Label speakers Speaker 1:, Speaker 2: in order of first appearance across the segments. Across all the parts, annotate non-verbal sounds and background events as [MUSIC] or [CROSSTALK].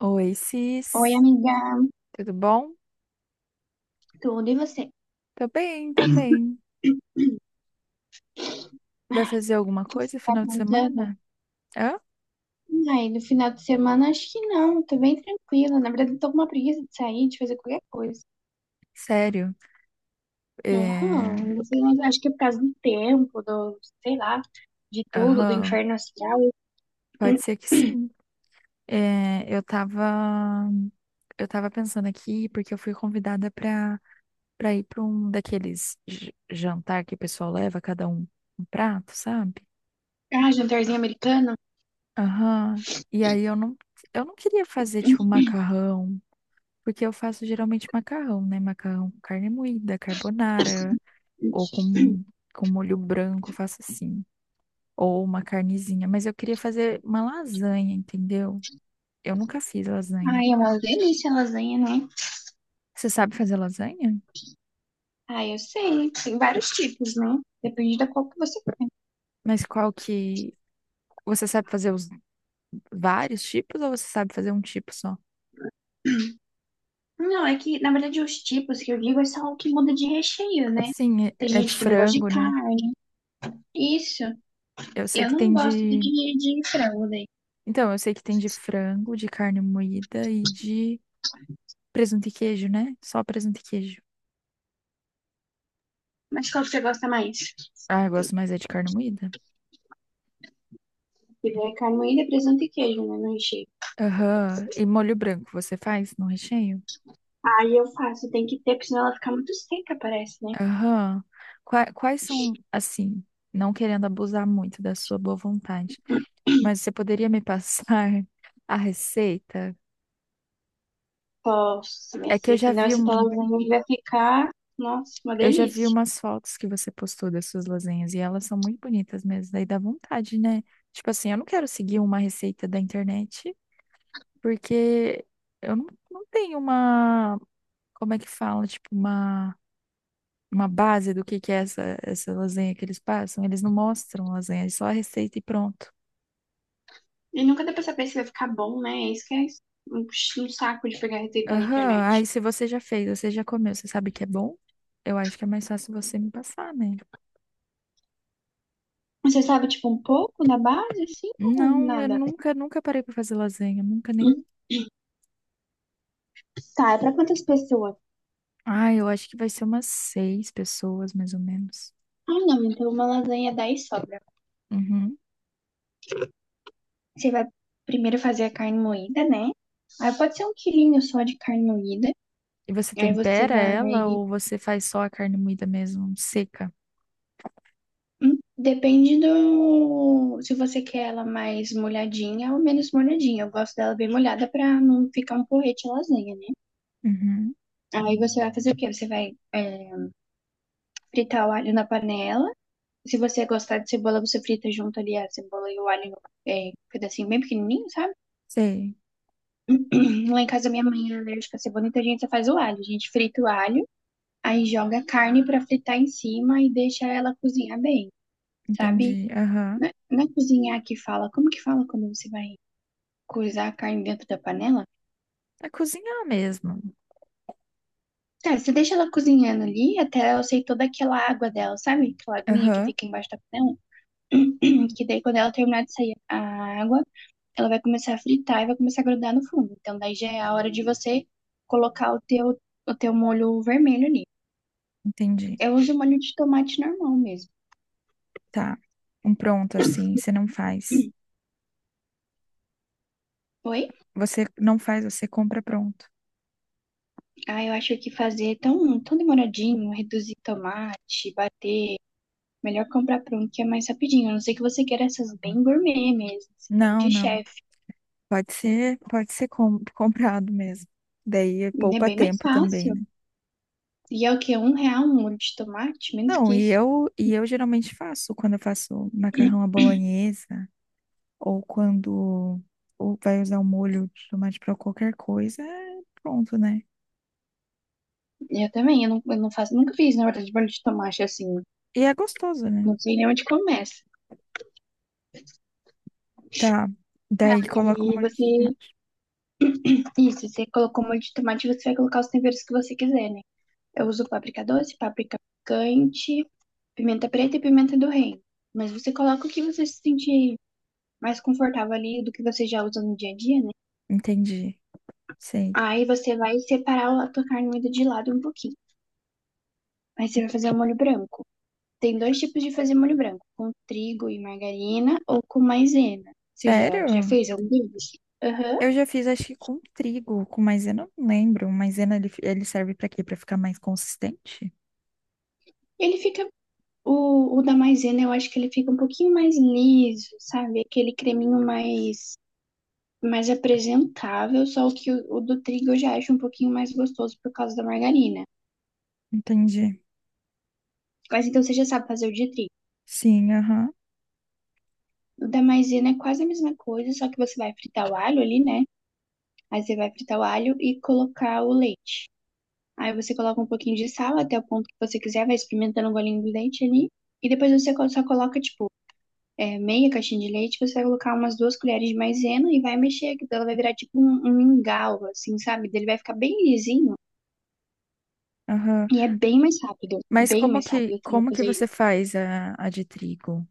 Speaker 1: Oi,
Speaker 2: Oi,
Speaker 1: Cis,
Speaker 2: amiga,
Speaker 1: tudo bom?
Speaker 2: tudo e você?
Speaker 1: Tô bem também. Vai fazer alguma coisa no
Speaker 2: Tá
Speaker 1: final de
Speaker 2: aprontando?
Speaker 1: semana? Hã?
Speaker 2: Ai, no final de semana acho que não, tô bem tranquila. Na verdade, tô com uma preguiça de sair, de fazer qualquer coisa.
Speaker 1: Sério?
Speaker 2: Aham,
Speaker 1: É...
Speaker 2: não sei, mas acho que é por causa do tempo, do, sei lá, de tudo, do
Speaker 1: Aham,
Speaker 2: inferno astral. Um,
Speaker 1: pode ser que sim. É, eu tava, eu tava pensando aqui porque eu fui convidada pra ir pra um daqueles jantar que o pessoal leva, cada um um prato, sabe?
Speaker 2: Ah, jantarzinho americano.
Speaker 1: Aham. E aí eu não queria fazer tipo macarrão, porque eu faço geralmente macarrão, né? Macarrão com carne moída, carbonara, ou com, com molho branco, eu faço assim, ou uma carnezinha. Mas eu queria fazer uma lasanha, entendeu? Eu nunca fiz lasanha.
Speaker 2: Ai, é uma delícia a lasanha, né?
Speaker 1: Você sabe fazer lasanha?
Speaker 2: Ah, eu sei, tem vários tipos, né? Depende da qual que você.
Speaker 1: Mas qual que. Você sabe fazer os vários tipos ou você sabe fazer um tipo só?
Speaker 2: Não, é que, na verdade, os tipos que eu digo é só o que muda de recheio, né?
Speaker 1: Sim, é
Speaker 2: Tem
Speaker 1: é de
Speaker 2: gente que não gosta de
Speaker 1: frango, né?
Speaker 2: carne. Isso.
Speaker 1: Eu sei
Speaker 2: Eu
Speaker 1: que
Speaker 2: não
Speaker 1: tem
Speaker 2: gosto de,
Speaker 1: de.
Speaker 2: de frango daí.
Speaker 1: Então, eu sei que tem de frango, de carne moída e de presunto e queijo, né? Só presunto e queijo.
Speaker 2: Mas qual que você gosta mais?
Speaker 1: Ah, eu gosto mais é de carne moída.
Speaker 2: Porque é carne moída, presunto e queijo, né? No recheio.
Speaker 1: Aham. E molho branco, você faz no recheio?
Speaker 2: Aí eu faço, tem que ter, porque senão ela fica muito seca, parece, né?
Speaker 1: Aham. Quais são, assim, não querendo abusar muito da sua boa vontade, mas você poderia me passar [LAUGHS] a receita?
Speaker 2: Posso, minha
Speaker 1: É que eu
Speaker 2: filha,
Speaker 1: já
Speaker 2: senão
Speaker 1: vi
Speaker 2: essa tua
Speaker 1: um,
Speaker 2: lasanha vai ficar, nossa, uma
Speaker 1: eu já vi
Speaker 2: delícia.
Speaker 1: umas fotos que você postou das suas lasanhas e elas são muito bonitas mesmo, daí dá vontade, né? Tipo assim, eu não quero seguir uma receita da internet porque eu não, não tenho uma, como é que fala, tipo uma base do que é essa lasanha que eles passam, eles não mostram lasanha, é só a receita e pronto.
Speaker 2: E nunca dá pra saber se vai ficar bom, né? É isso que é isso. um, um saco de pegar receita na
Speaker 1: Aham.
Speaker 2: internet.
Speaker 1: Aí se você já fez, você já comeu, você sabe que é bom? Eu acho que é mais fácil você me passar, né?
Speaker 2: Você sabe, tipo, um pouco na base, assim, ou
Speaker 1: Não, eu
Speaker 2: nada?
Speaker 1: nunca, nunca parei pra fazer lasanha, nunca nem.
Speaker 2: Tá, é pra quantas pessoas?
Speaker 1: Ah, eu acho que vai ser umas seis pessoas, mais ou menos.
Speaker 2: Ah, não, então uma lasanha 10 sobra.
Speaker 1: Uhum.
Speaker 2: Você vai primeiro fazer a carne moída, né? Aí pode ser um quilinho só de carne moída.
Speaker 1: E você
Speaker 2: Aí você
Speaker 1: tempera
Speaker 2: vai.
Speaker 1: ela ou você faz só a carne moída mesmo, seca?
Speaker 2: Depende do. Se você quer ela mais molhadinha ou menos molhadinha. Eu gosto dela bem molhada pra não ficar um porrete lasanha, né?
Speaker 1: Uhum.
Speaker 2: Aí você vai fazer o quê? Você vai fritar o alho na panela. Se você gostar de cebola, você frita junto ali a cebola e o alho, um pedacinho bem pequenininho, sabe?
Speaker 1: Sei,
Speaker 2: [CLEARS THROAT] Lá em casa minha mãe é alérgica à cebola, então a gente só faz o alho. A gente frita o alho. Aí joga a carne para fritar em cima e deixa ela cozinhar bem, sabe?
Speaker 1: entendi. Aham.
Speaker 2: Não é cozinhar que fala. Como que fala quando você vai coisar a carne dentro da panela?
Speaker 1: É cozinhar mesmo.
Speaker 2: É, você deixa ela cozinhando ali até ela sair toda aquela água dela, sabe? Aquela aguinha que
Speaker 1: Aham.
Speaker 2: fica embaixo da panela. [CLEARS THROAT] Que daí quando ela terminar de sair a água, ela vai começar a fritar e vai começar a grudar no fundo. Então daí já é a hora de você colocar o teu molho vermelho ali.
Speaker 1: Entendi.
Speaker 2: Eu uso molho de tomate normal mesmo.
Speaker 1: Tá. Um pronto assim, você não faz.
Speaker 2: [CLEARS THROAT] Oi?
Speaker 1: Você não faz, você compra pronto.
Speaker 2: Ah, eu acho que fazer tão, tão demoradinho, reduzir tomate, bater, melhor comprar pronto que é mais rapidinho. A não ser que você queira essas bem gourmet mesmo, assim, bem
Speaker 1: Não,
Speaker 2: de
Speaker 1: não.
Speaker 2: chefe.
Speaker 1: Pode ser [LAUGHS] comprado mesmo. Daí
Speaker 2: É
Speaker 1: poupa
Speaker 2: bem mais
Speaker 1: tempo também,
Speaker 2: fácil.
Speaker 1: né?
Speaker 2: E é o quê? Um real um molho de tomate? Menos
Speaker 1: Não,
Speaker 2: que isso.
Speaker 1: e eu geralmente faço quando eu faço macarrão à bolonhesa ou quando ou vai usar o molho de tomate para qualquer coisa, é pronto, né?
Speaker 2: Eu também, eu não faço, nunca fiz, na verdade, molho de tomate assim.
Speaker 1: E é gostoso, né?
Speaker 2: Não sei nem onde começa.
Speaker 1: Tá. Daí coloca o
Speaker 2: E
Speaker 1: molho de
Speaker 2: você,
Speaker 1: tomate.
Speaker 2: isso, você colocou molho de tomate, você vai colocar os temperos que você quiser, né? Eu uso páprica doce, páprica picante, pimenta preta e pimenta do reino. Mas você coloca o que você se sentir mais confortável ali do que você já usa no dia a dia, né?
Speaker 1: Entendi. Sei.
Speaker 2: Aí você vai separar a tua carne moída de lado um pouquinho. Aí você vai fazer o molho branco. Tem dois tipos de fazer molho branco, com trigo e margarina ou com maisena. Você já
Speaker 1: Sério?
Speaker 2: fez algum deles? Aham.
Speaker 1: Eu já fiz, acho que com trigo, com maisena, eu não lembro. Maisena ele serve para quê? Para ficar mais consistente?
Speaker 2: Ele fica o da maisena, eu acho que ele fica um pouquinho mais liso, sabe? Aquele creminho mais apresentável, só que o do trigo eu já acho um pouquinho mais gostoso por causa da margarina.
Speaker 1: Entendi.
Speaker 2: Mas então você já sabe fazer o de trigo.
Speaker 1: Sim, aham,
Speaker 2: O da maisena é quase a mesma coisa, só que você vai fritar o alho ali, né? Aí você vai fritar o alho e colocar o leite. Aí você coloca um pouquinho de sal até o ponto que você quiser, vai experimentando o golinho do leite ali. E depois você só coloca, tipo, meia caixinha de leite, você vai colocar umas duas colheres de maisena e vai mexer, que ela vai virar tipo um mingau, assim, sabe? Ele vai ficar bem lisinho.
Speaker 1: aham.
Speaker 2: E é
Speaker 1: Mas
Speaker 2: bem mais rápido também
Speaker 1: como que
Speaker 2: fazer
Speaker 1: você
Speaker 2: isso.
Speaker 1: faz a de trigo?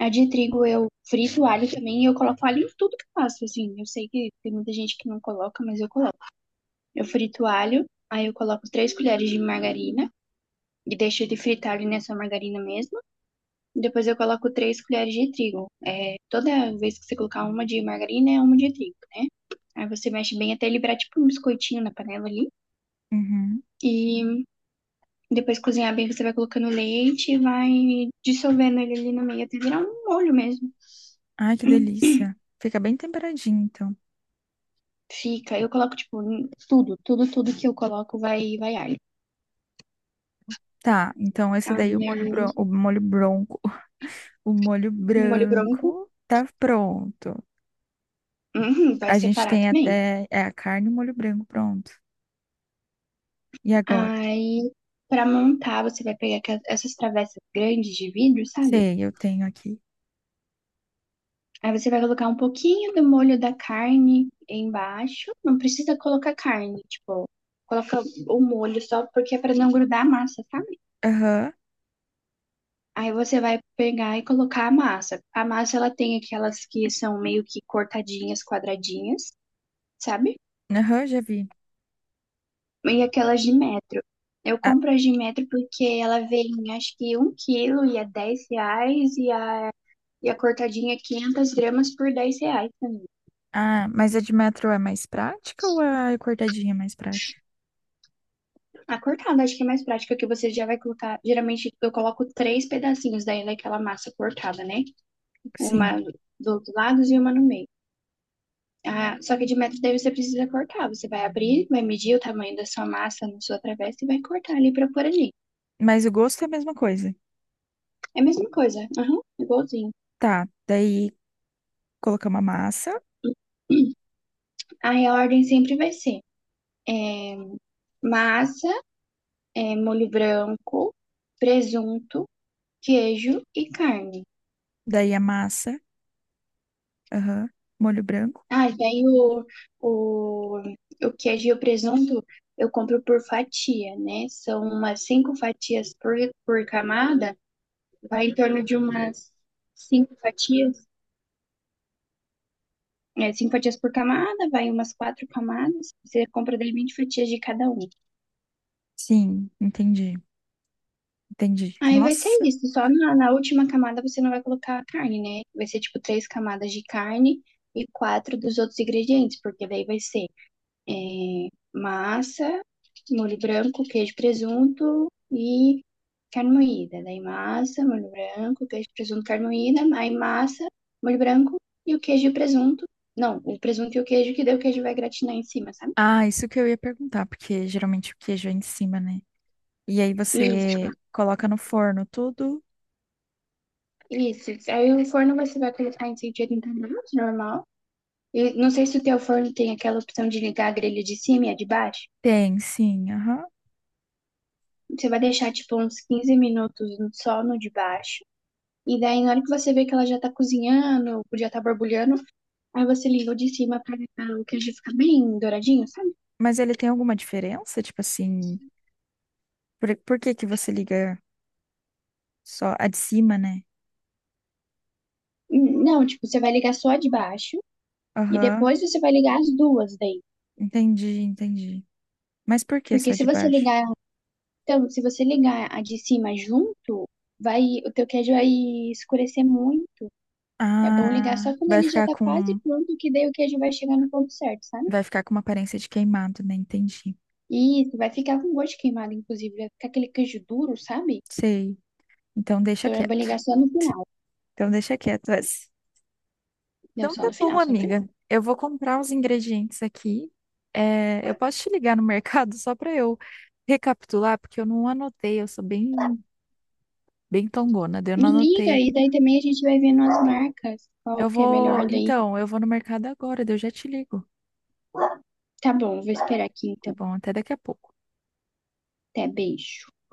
Speaker 2: A de trigo eu frito o alho também e eu coloco alho em tudo que eu faço, assim. Eu sei que tem muita gente que não coloca, mas eu coloco. Eu frito o alho, aí eu coloco três colheres de margarina e deixo ele fritar ali nessa margarina mesmo. Depois eu coloco três colheres de trigo. É, toda vez que você colocar uma de margarina, é uma de trigo, né? Aí você mexe bem até ele virar tipo um biscoitinho na panela ali.
Speaker 1: Uhum.
Speaker 2: E Depois de cozinhar bem, você vai colocando leite e vai dissolvendo ele ali no meio até virar um molho mesmo.
Speaker 1: Ai, que delícia. Fica bem temperadinho, então.
Speaker 2: Fica, eu coloco, tipo, tudo, tudo, tudo que eu coloco vai, alho.
Speaker 1: Tá, então esse daí,
Speaker 2: Aí,
Speaker 1: o molho bronco, [LAUGHS] o molho
Speaker 2: um molho branco,
Speaker 1: branco tá pronto.
Speaker 2: uhum, vai
Speaker 1: A gente
Speaker 2: separar
Speaker 1: tem
Speaker 2: também.
Speaker 1: até, é a carne e o molho branco pronto. E agora?
Speaker 2: Aí, pra montar, você vai pegar essas travessas grandes de vidro, sabe?
Speaker 1: Sei, eu tenho aqui.
Speaker 2: Aí você vai colocar um pouquinho do molho da carne embaixo. Não precisa colocar carne, tipo, coloca o molho só porque é pra não grudar a massa, sabe?
Speaker 1: Aham,
Speaker 2: Aí você vai pegar e colocar a massa. A massa ela tem aquelas que são meio que cortadinhas, quadradinhas, sabe?
Speaker 1: aham, já vi.
Speaker 2: E aquelas de metro. Eu
Speaker 1: Ah,
Speaker 2: compro as de metro porque ela vem, acho que 1 quilo e é R$ 10 e a cortadinha é 500 gramas por R$ 10 também.
Speaker 1: ah, mas a de metro é mais prática ou a cortadinha é mais prática?
Speaker 2: A cortada acho que é mais prática que você já vai colocar. Geralmente eu coloco três pedacinhos daí daquela massa cortada, né? Uma
Speaker 1: Sim,
Speaker 2: do outro lado e uma no meio. Ah, só que de metro daí você precisa cortar. Você vai abrir, vai medir o tamanho da sua massa na sua travessa e vai cortar ali pra pôr ali.
Speaker 1: mas o gosto é a mesma coisa.
Speaker 2: É a mesma coisa, aham, igualzinho.
Speaker 1: Tá, daí colocamos a massa,
Speaker 2: [CLEARS THROAT] Aí a ordem sempre vai ser é, massa, molho branco, presunto, queijo e carne.
Speaker 1: daí a massa, aham, molho branco.
Speaker 2: Ah, e daí o, o queijo e o presunto eu compro por fatia, né? São umas cinco fatias por camada, vai em torno de umas cinco fatias. É cinco fatias por camada, vai umas quatro camadas. Você compra daí 20 fatias de cada um.
Speaker 1: Sim, entendi, entendi.
Speaker 2: Aí vai ser
Speaker 1: Nossa.
Speaker 2: isso. Só na última camada você não vai colocar a carne, né? Vai ser tipo três camadas de carne e quatro dos outros ingredientes, porque daí vai ser é, massa, molho branco, queijo, presunto e carne moída. Daí massa, molho branco, queijo, presunto, carne moída, aí massa, molho branco e o queijo e o presunto. Não, o presunto e o queijo, que daí o queijo vai gratinar em cima, sabe?
Speaker 1: Ah, isso que eu ia perguntar, porque geralmente o queijo é em cima, né? E aí
Speaker 2: E
Speaker 1: você coloca no forno tudo?
Speaker 2: isso. Aí o forno você vai colocar em 180 graus, normal. E não sei se o teu forno tem aquela opção de ligar a grelha de cima e a de baixo.
Speaker 1: Tem, sim, aham.
Speaker 2: Você vai deixar, tipo, uns 15 minutos só no de baixo. E daí, na hora que você vê que ela já tá cozinhando, já tá borbulhando, aí você liga o de cima pra o queijo ficar bem douradinho, sabe?
Speaker 1: Mas ele tem alguma diferença? Tipo assim, por que que você liga só a de cima, né?
Speaker 2: Não, tipo, você vai ligar só a de baixo e
Speaker 1: Aham,
Speaker 2: depois você vai ligar as duas daí.
Speaker 1: entendi, entendi. Mas por que
Speaker 2: Porque
Speaker 1: só
Speaker 2: se
Speaker 1: de
Speaker 2: você
Speaker 1: baixo?
Speaker 2: ligar, então, se você ligar a de cima junto, vai, o teu queijo vai escurecer muito. É bom ligar
Speaker 1: Ah,
Speaker 2: só quando
Speaker 1: vai
Speaker 2: ele já
Speaker 1: ficar
Speaker 2: tá quase
Speaker 1: com.
Speaker 2: pronto, que daí o queijo vai chegar no ponto certo, sabe?
Speaker 1: Vai ficar com uma aparência de queimado, né? Entendi.
Speaker 2: E isso, vai ficar com gosto de queimado, inclusive. Vai ficar aquele queijo duro, sabe?
Speaker 1: Sei. Então deixa
Speaker 2: Então é bom ligar
Speaker 1: quieto.
Speaker 2: só no final.
Speaker 1: Então deixa quieto essa.
Speaker 2: Não,
Speaker 1: Então
Speaker 2: só
Speaker 1: tá
Speaker 2: no
Speaker 1: bom,
Speaker 2: final, só no final.
Speaker 1: amiga. Eu vou comprar os ingredientes aqui. É, eu posso te ligar no [LAUGHS] mercado só para eu recapitular, porque eu não anotei. Eu sou bem, bem tongona, daí eu
Speaker 2: Me
Speaker 1: não
Speaker 2: liga
Speaker 1: anotei.
Speaker 2: e daí também a gente vai vendo as marcas, qual
Speaker 1: Eu
Speaker 2: que é
Speaker 1: vou,
Speaker 2: melhor daí.
Speaker 1: então, eu vou no mercado agora, daí eu já te ligo.
Speaker 2: Tá bom, vou esperar aqui
Speaker 1: Tá
Speaker 2: então.
Speaker 1: bom, até daqui a pouco.
Speaker 2: Até, beijo.